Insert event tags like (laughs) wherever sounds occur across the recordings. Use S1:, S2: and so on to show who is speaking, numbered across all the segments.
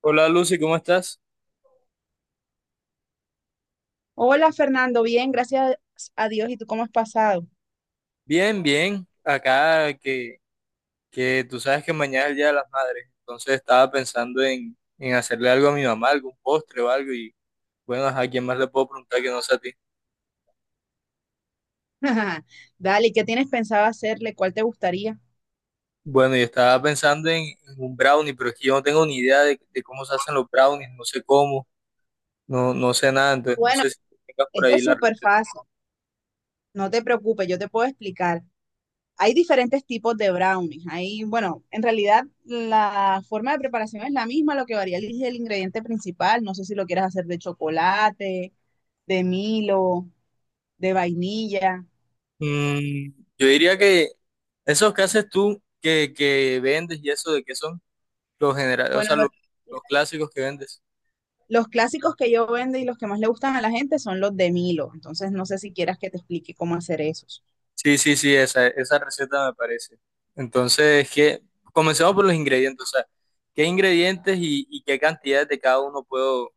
S1: Hola Lucy, ¿cómo estás?
S2: Hola Fernando, bien, gracias a Dios. ¿Y tú cómo has pasado?
S1: Bien, bien. Acá que tú sabes que mañana es el Día de las Madres, entonces estaba pensando en hacerle algo a mi mamá, algún postre o algo, y bueno, ¿a quién más le puedo preguntar que no sea a ti?
S2: (laughs) Dale, ¿qué tienes pensado hacerle? ¿Cuál te gustaría?
S1: Bueno, yo estaba pensando en un brownie, pero es que yo no tengo ni idea de cómo se hacen los brownies, no sé cómo, no sé nada, entonces no
S2: Bueno,
S1: sé si tú tengas por
S2: esto
S1: ahí
S2: es
S1: la
S2: súper
S1: receta.
S2: fácil. No te preocupes, yo te puedo explicar. Hay diferentes tipos de brownies. Hay, bueno, en realidad la forma de preparación es la misma, lo que varía es el ingrediente principal. No sé si lo quieres hacer de chocolate, de Milo, de vainilla.
S1: Mm, yo diría que esos que haces tú, que vendes y eso, ¿de qué son? Los generales, o
S2: Bueno,
S1: sea, los clásicos que vendes.
S2: los clásicos que yo vendo y los que más le gustan a la gente son los de Milo. Entonces, no sé si quieras que te explique cómo hacer esos.
S1: Sí, sí, sí, esa receta me parece. Entonces, ¿qué? Comencemos por los ingredientes, o sea, ¿qué ingredientes y qué cantidades de cada uno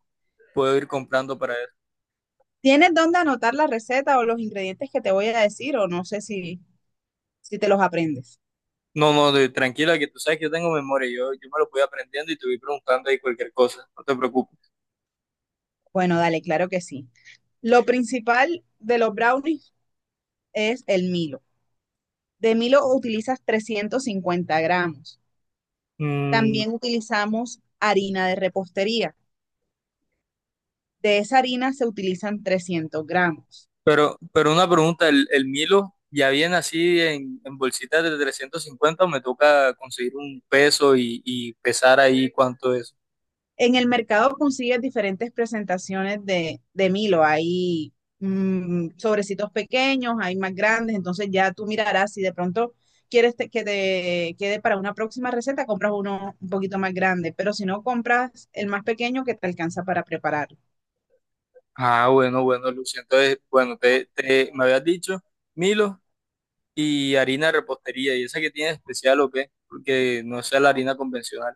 S1: puedo ir comprando para eso?
S2: ¿Tienes dónde anotar la receta o los ingredientes que te voy a decir o no sé si te los aprendes?
S1: No, no, de- Tranquila, que tú sabes que yo tengo memoria, yo me lo voy aprendiendo y te voy preguntando ahí cualquier cosa, no te preocupes.
S2: Bueno, dale, claro que sí. Lo principal de los brownies es el Milo. De Milo utilizas 350 gramos.
S1: Mm,
S2: También utilizamos harina de repostería. De esa harina se utilizan 300 gramos.
S1: pero una pregunta, ¿ el Milo ya viene así en bolsitas de 350 o me toca conseguir un peso y pesar ahí cuánto es?
S2: En el mercado consigues diferentes presentaciones de Milo. Hay sobrecitos pequeños, hay más grandes, entonces ya tú mirarás si de pronto quieres que te quede para una próxima receta, compras uno un poquito más grande, pero si no compras el más pequeño que te alcanza para prepararlo.
S1: Ah, bueno, bueno, Lucio. Entonces, bueno, me habías dicho Milo y harina de repostería. ¿Y esa que tiene de especial o qué? Porque no sea la harina convencional.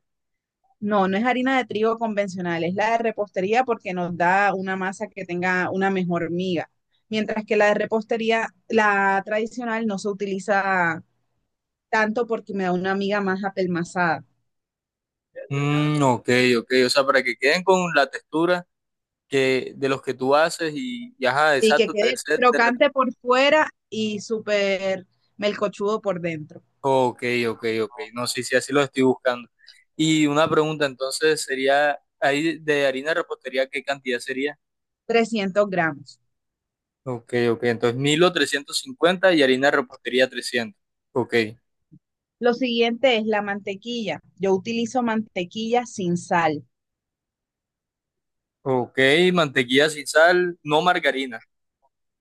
S2: No, no es harina de trigo convencional, es la de repostería porque nos da una masa que tenga una mejor miga, mientras que la de repostería, la tradicional, no se utiliza tanto porque me da una amiga más apelmazada.
S1: Mm, ok, ok. O sea, para que queden con la textura que, de los que tú haces y ajá,
S2: Sí, que
S1: exacto, te
S2: quede
S1: ser de
S2: crocante
S1: repostería.
S2: por fuera y súper melcochudo por dentro.
S1: Ok, ok, ok. No sé si así lo estoy buscando. Y una pregunta, entonces, sería, ahí de harina de repostería, ¿qué cantidad sería?
S2: 300 gramos.
S1: Ok, ok. Entonces, Milo 350 y harina de repostería 300. Ok.
S2: Lo siguiente es la mantequilla. Yo utilizo mantequilla sin sal.
S1: Ok, mantequilla sin sal, no margarina.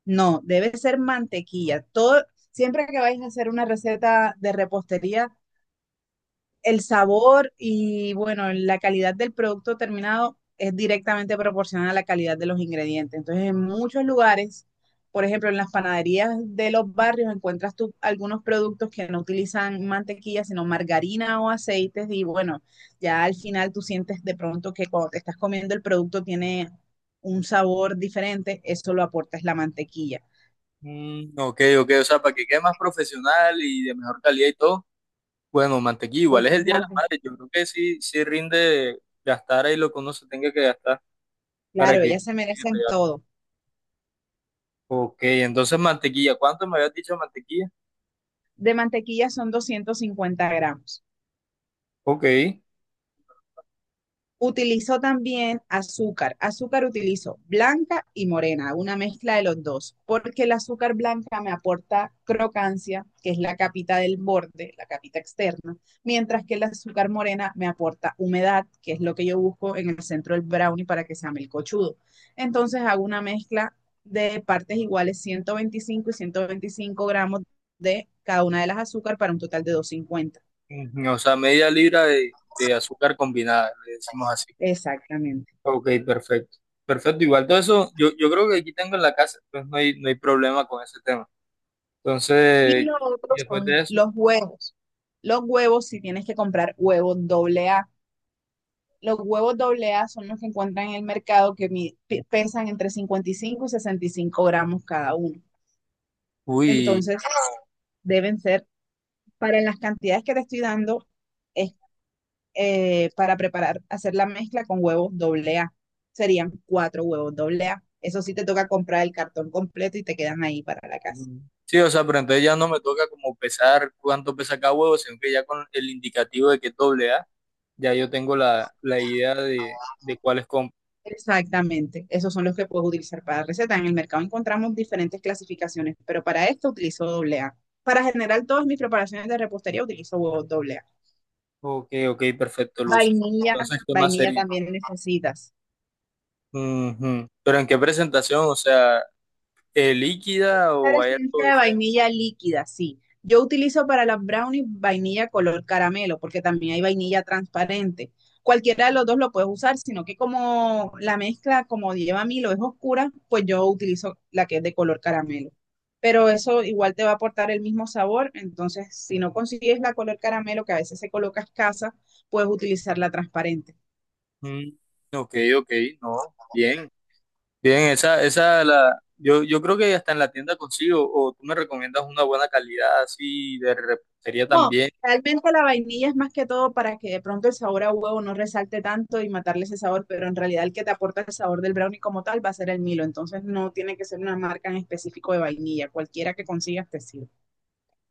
S2: No, debe ser mantequilla. Todo, siempre que vais a hacer una receta de repostería, el sabor y bueno, la calidad del producto terminado es directamente proporcional a la calidad de los ingredientes. Entonces, en muchos lugares, por ejemplo, en las panaderías de los barrios encuentras tú algunos productos que no utilizan mantequilla, sino margarina o aceites y bueno, ya al final tú sientes de pronto que cuando te estás comiendo el producto tiene un sabor diferente, eso lo aporta es la mantequilla.
S1: Mm, ok, ok, o sea, para que quede más profesional y de mejor calidad y todo. Bueno, mantequilla,
S2: Pues,
S1: igual es el Día de las
S2: Marta,
S1: Madres. Yo creo que sí, sí rinde gastar ahí lo que uno se tenga que gastar
S2: claro,
S1: para que
S2: ellas se
S1: quede
S2: merecen
S1: real.
S2: todo.
S1: Ok, entonces mantequilla, ¿cuánto me habías dicho de mantequilla?
S2: De mantequilla son 250 gramos.
S1: Ok,
S2: Utilizó también azúcar. Azúcar utilizo blanca y morena, una mezcla de los dos, porque el azúcar blanca me aporta crocancia, que es la capita del borde, la capita externa, mientras que el azúcar morena me aporta humedad, que es lo que yo busco en el centro del brownie para que sea melcochudo. Entonces hago una mezcla de partes iguales, 125 y 125 gramos de cada una de las azúcar para un total de 250.
S1: ujú, o sea, media libra de azúcar combinada, le decimos así.
S2: Exactamente.
S1: Ok, perfecto. Perfecto, igual todo eso, yo creo que aquí tengo en la casa, entonces no hay, no hay problema con ese tema.
S2: Y
S1: Entonces,
S2: lo
S1: y
S2: otro
S1: después de
S2: son
S1: eso,
S2: los huevos. Los huevos, si tienes que comprar huevos doble A. Los huevos doble A son los que encuentran en el mercado que pesan entre 55 y 65 gramos cada uno.
S1: uy,
S2: Entonces, deben ser, para las cantidades que te estoy dando, es para preparar, hacer la mezcla con huevos doble A. Serían 4 huevos doble A. Eso sí te toca comprar el cartón completo y te quedan ahí para la casa.
S1: sí, o sea, pero entonces ya no me toca como pesar cuánto pesa cada huevo, sino que ya con el indicativo de que es doble A, ya yo tengo la idea de cuáles compro.
S2: Exactamente, esos son los que puedes utilizar para receta. En el mercado encontramos diferentes clasificaciones, pero para esto utilizo doble A. Para generar todas mis preparaciones de repostería utilizo huevos doble A.
S1: Ok, ok, perfecto, Luz.
S2: Vainilla,
S1: Entonces, ¿qué más
S2: vainilla
S1: sería?
S2: también necesitas.
S1: Ujú. Pero ¿en qué presentación? O sea, ¿eh, líquida
S2: Claro,
S1: o hay algo
S2: esencia de
S1: diferente?
S2: vainilla líquida, sí. Yo utilizo para las brownies vainilla color caramelo, porque también hay vainilla transparente. Cualquiera de los dos lo puedes usar, sino que como la mezcla, como lleva Milo, es oscura, pues yo utilizo la que es de color caramelo. Pero eso igual te va a aportar el mismo sabor, entonces si no consigues la color caramelo, que a veces se coloca escasa, puedes utilizar la transparente.
S1: Mm, ok, ok, no, bien. Bien, yo creo que hasta en la tienda consigo, o tú me recomiendas una buena calidad así de repostería
S2: No,
S1: también.
S2: realmente la vainilla es más que todo para que de pronto el sabor a huevo no resalte tanto y matarle ese sabor, pero en realidad el que te aporta el sabor del brownie como tal va a ser el Milo, entonces no tiene que ser una marca en específico de vainilla, cualquiera que consigas te sirve.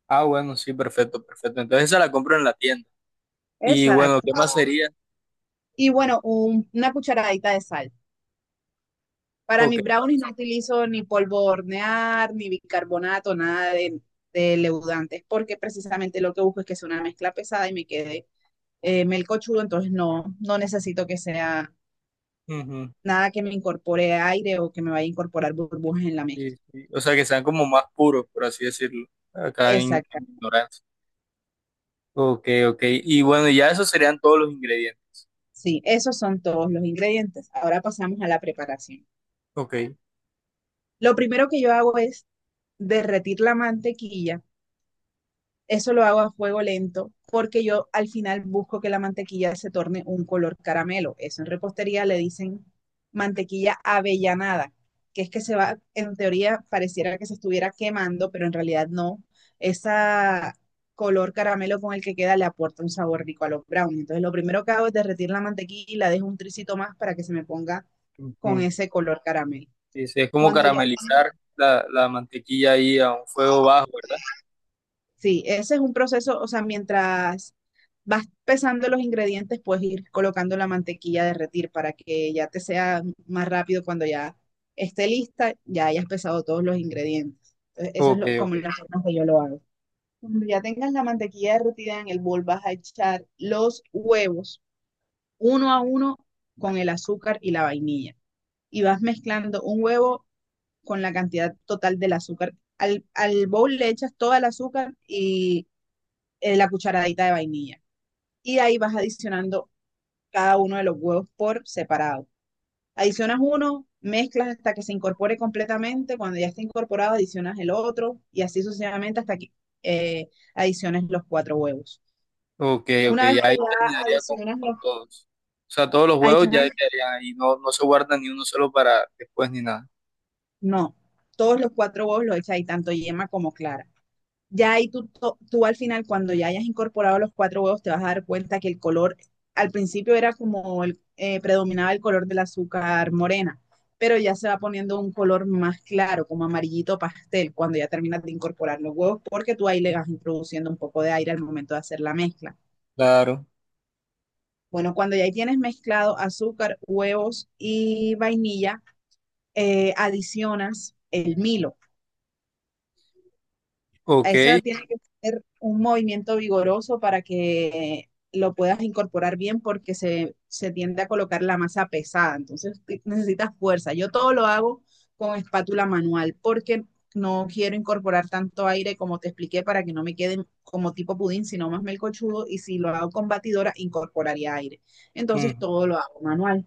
S1: Ah, bueno, sí, perfecto, perfecto. Entonces esa la compro en la tienda. Y bueno,
S2: Exacto.
S1: ¿qué más sería?
S2: Y bueno, una cucharadita de sal. Para
S1: Ok.
S2: mis brownies no utilizo ni polvo de hornear, ni bicarbonato, nada de leudantes, porque precisamente lo que busco es que sea una mezcla pesada y me quede melcochudo, entonces no, no necesito que sea
S1: Ujú,
S2: nada que me incorpore aire o que me vaya a incorporar burbujas en la mezcla.
S1: sí, sí. O sea, que sean como más puros, por así decirlo, acá
S2: Exacto.
S1: en ignorancia. Ok, ok. Y bueno, ya esos serían todos los ingredientes.
S2: Sí, esos son todos los ingredientes. Ahora pasamos a la preparación.
S1: Ok.
S2: Lo primero que yo hago es derretir la mantequilla. Eso lo hago a fuego lento porque yo al final busco que la mantequilla se torne un color caramelo. Eso en repostería le dicen mantequilla avellanada, que es que se va, en teoría pareciera que se estuviera quemando, pero en realidad no. Esa color caramelo con el que queda le aporta un sabor rico a los brownies. Entonces lo primero que hago es derretir la mantequilla y la dejo un tricito más para que se me ponga con
S1: Ujú.
S2: ese color caramelo.
S1: Sí, sí, es como
S2: Cuando
S1: caramelizar la mantequilla ahí a un fuego bajo, ¿verdad?
S2: Sí, ese es un proceso, o sea, mientras vas pesando los ingredientes, puedes ir colocando la mantequilla a derretir para que ya te sea más rápido cuando ya esté lista, ya hayas pesado todos los ingredientes. Entonces, eso es
S1: Ok,
S2: como
S1: ok.
S2: las formas que yo lo hago. Cuando ya tengas la mantequilla derretida en el bol, vas a echar los huevos uno a uno con el azúcar y la vainilla. Y vas mezclando un huevo con la cantidad total del azúcar. Al bowl le echas todo el azúcar y la cucharadita de vainilla. Y ahí vas adicionando cada uno de los huevos por separado. Adicionas uno, mezclas hasta que se incorpore completamente. Cuando ya esté incorporado, adicionas el otro y así sucesivamente hasta que adiciones los 4 huevos.
S1: Ok, ok,
S2: Una vez
S1: ya
S2: que
S1: ahí
S2: ya
S1: terminaría
S2: adicionas
S1: con
S2: los,
S1: todos. O sea, todos los huevos
S2: adicionas,
S1: ya quedarían ahí, no, no se guarda ni uno solo para después ni nada.
S2: no, todos los 4 huevos los echas ahí, tanto yema como clara. Ya ahí tú, tú al final, cuando ya hayas incorporado los 4 huevos, te vas a dar cuenta que el color, al principio era como el, predominaba el color del azúcar morena, pero ya se va poniendo un color más claro, como amarillito pastel, cuando ya terminas de incorporar los huevos, porque tú ahí le vas introduciendo un poco de aire al momento de hacer la mezcla.
S1: Claro.
S2: Bueno, cuando ya ahí tienes mezclado azúcar, huevos y vainilla, adicionas el Milo.
S1: Ok.
S2: Esa tiene que ser un movimiento vigoroso para que lo puedas incorporar bien porque se tiende a colocar la masa pesada, entonces necesitas fuerza. Yo todo lo hago con espátula manual porque no quiero incorporar tanto aire como te expliqué para que no me quede como tipo pudín, sino más melcochudo y si lo hago con batidora incorporaría aire. Entonces
S1: Mm,
S2: todo lo hago manual.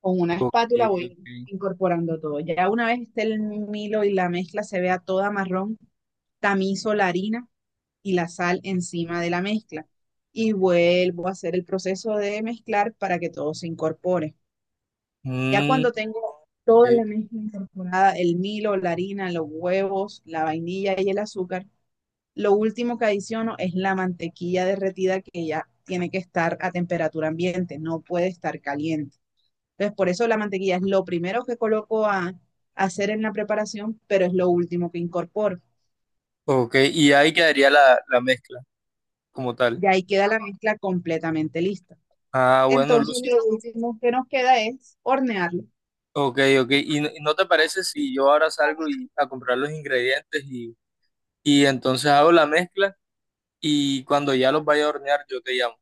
S2: Con una
S1: ok,
S2: espátula voy
S1: ok.
S2: incorporando todo. Ya una vez esté el milo y la mezcla se vea toda marrón, tamizo la harina y la sal encima de la mezcla. Y vuelvo a hacer el proceso de mezclar para que todo se incorpore. Ya
S1: Mm,
S2: cuando tengo toda
S1: ok,
S2: la mezcla incorporada, el milo, la harina, los huevos, la vainilla y el azúcar, lo último que adiciono es la mantequilla derretida que ya tiene que estar a temperatura ambiente, no puede estar caliente. Entonces, por eso la mantequilla es lo primero que coloco a hacer en la preparación, pero es lo último que incorporo.
S1: ok, y ahí quedaría la mezcla como tal.
S2: Y ahí queda la mezcla completamente lista.
S1: Ah, bueno,
S2: Entonces,
S1: Lucy.
S2: lo último que nos queda es hornearlo.
S1: Ok, ok. Y no te parece si yo ahora salgo y, a comprar los ingredientes y entonces hago la mezcla y cuando ya los vaya a hornear yo te llamo?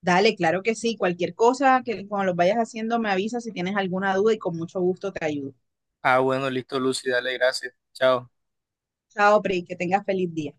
S2: Dale, claro que sí. Cualquier cosa que cuando lo vayas haciendo me avisas si tienes alguna duda y con mucho gusto te ayudo.
S1: Ah, bueno, listo, Lucy, dale, gracias. Chao.
S2: Chao, Pri, que tengas feliz día.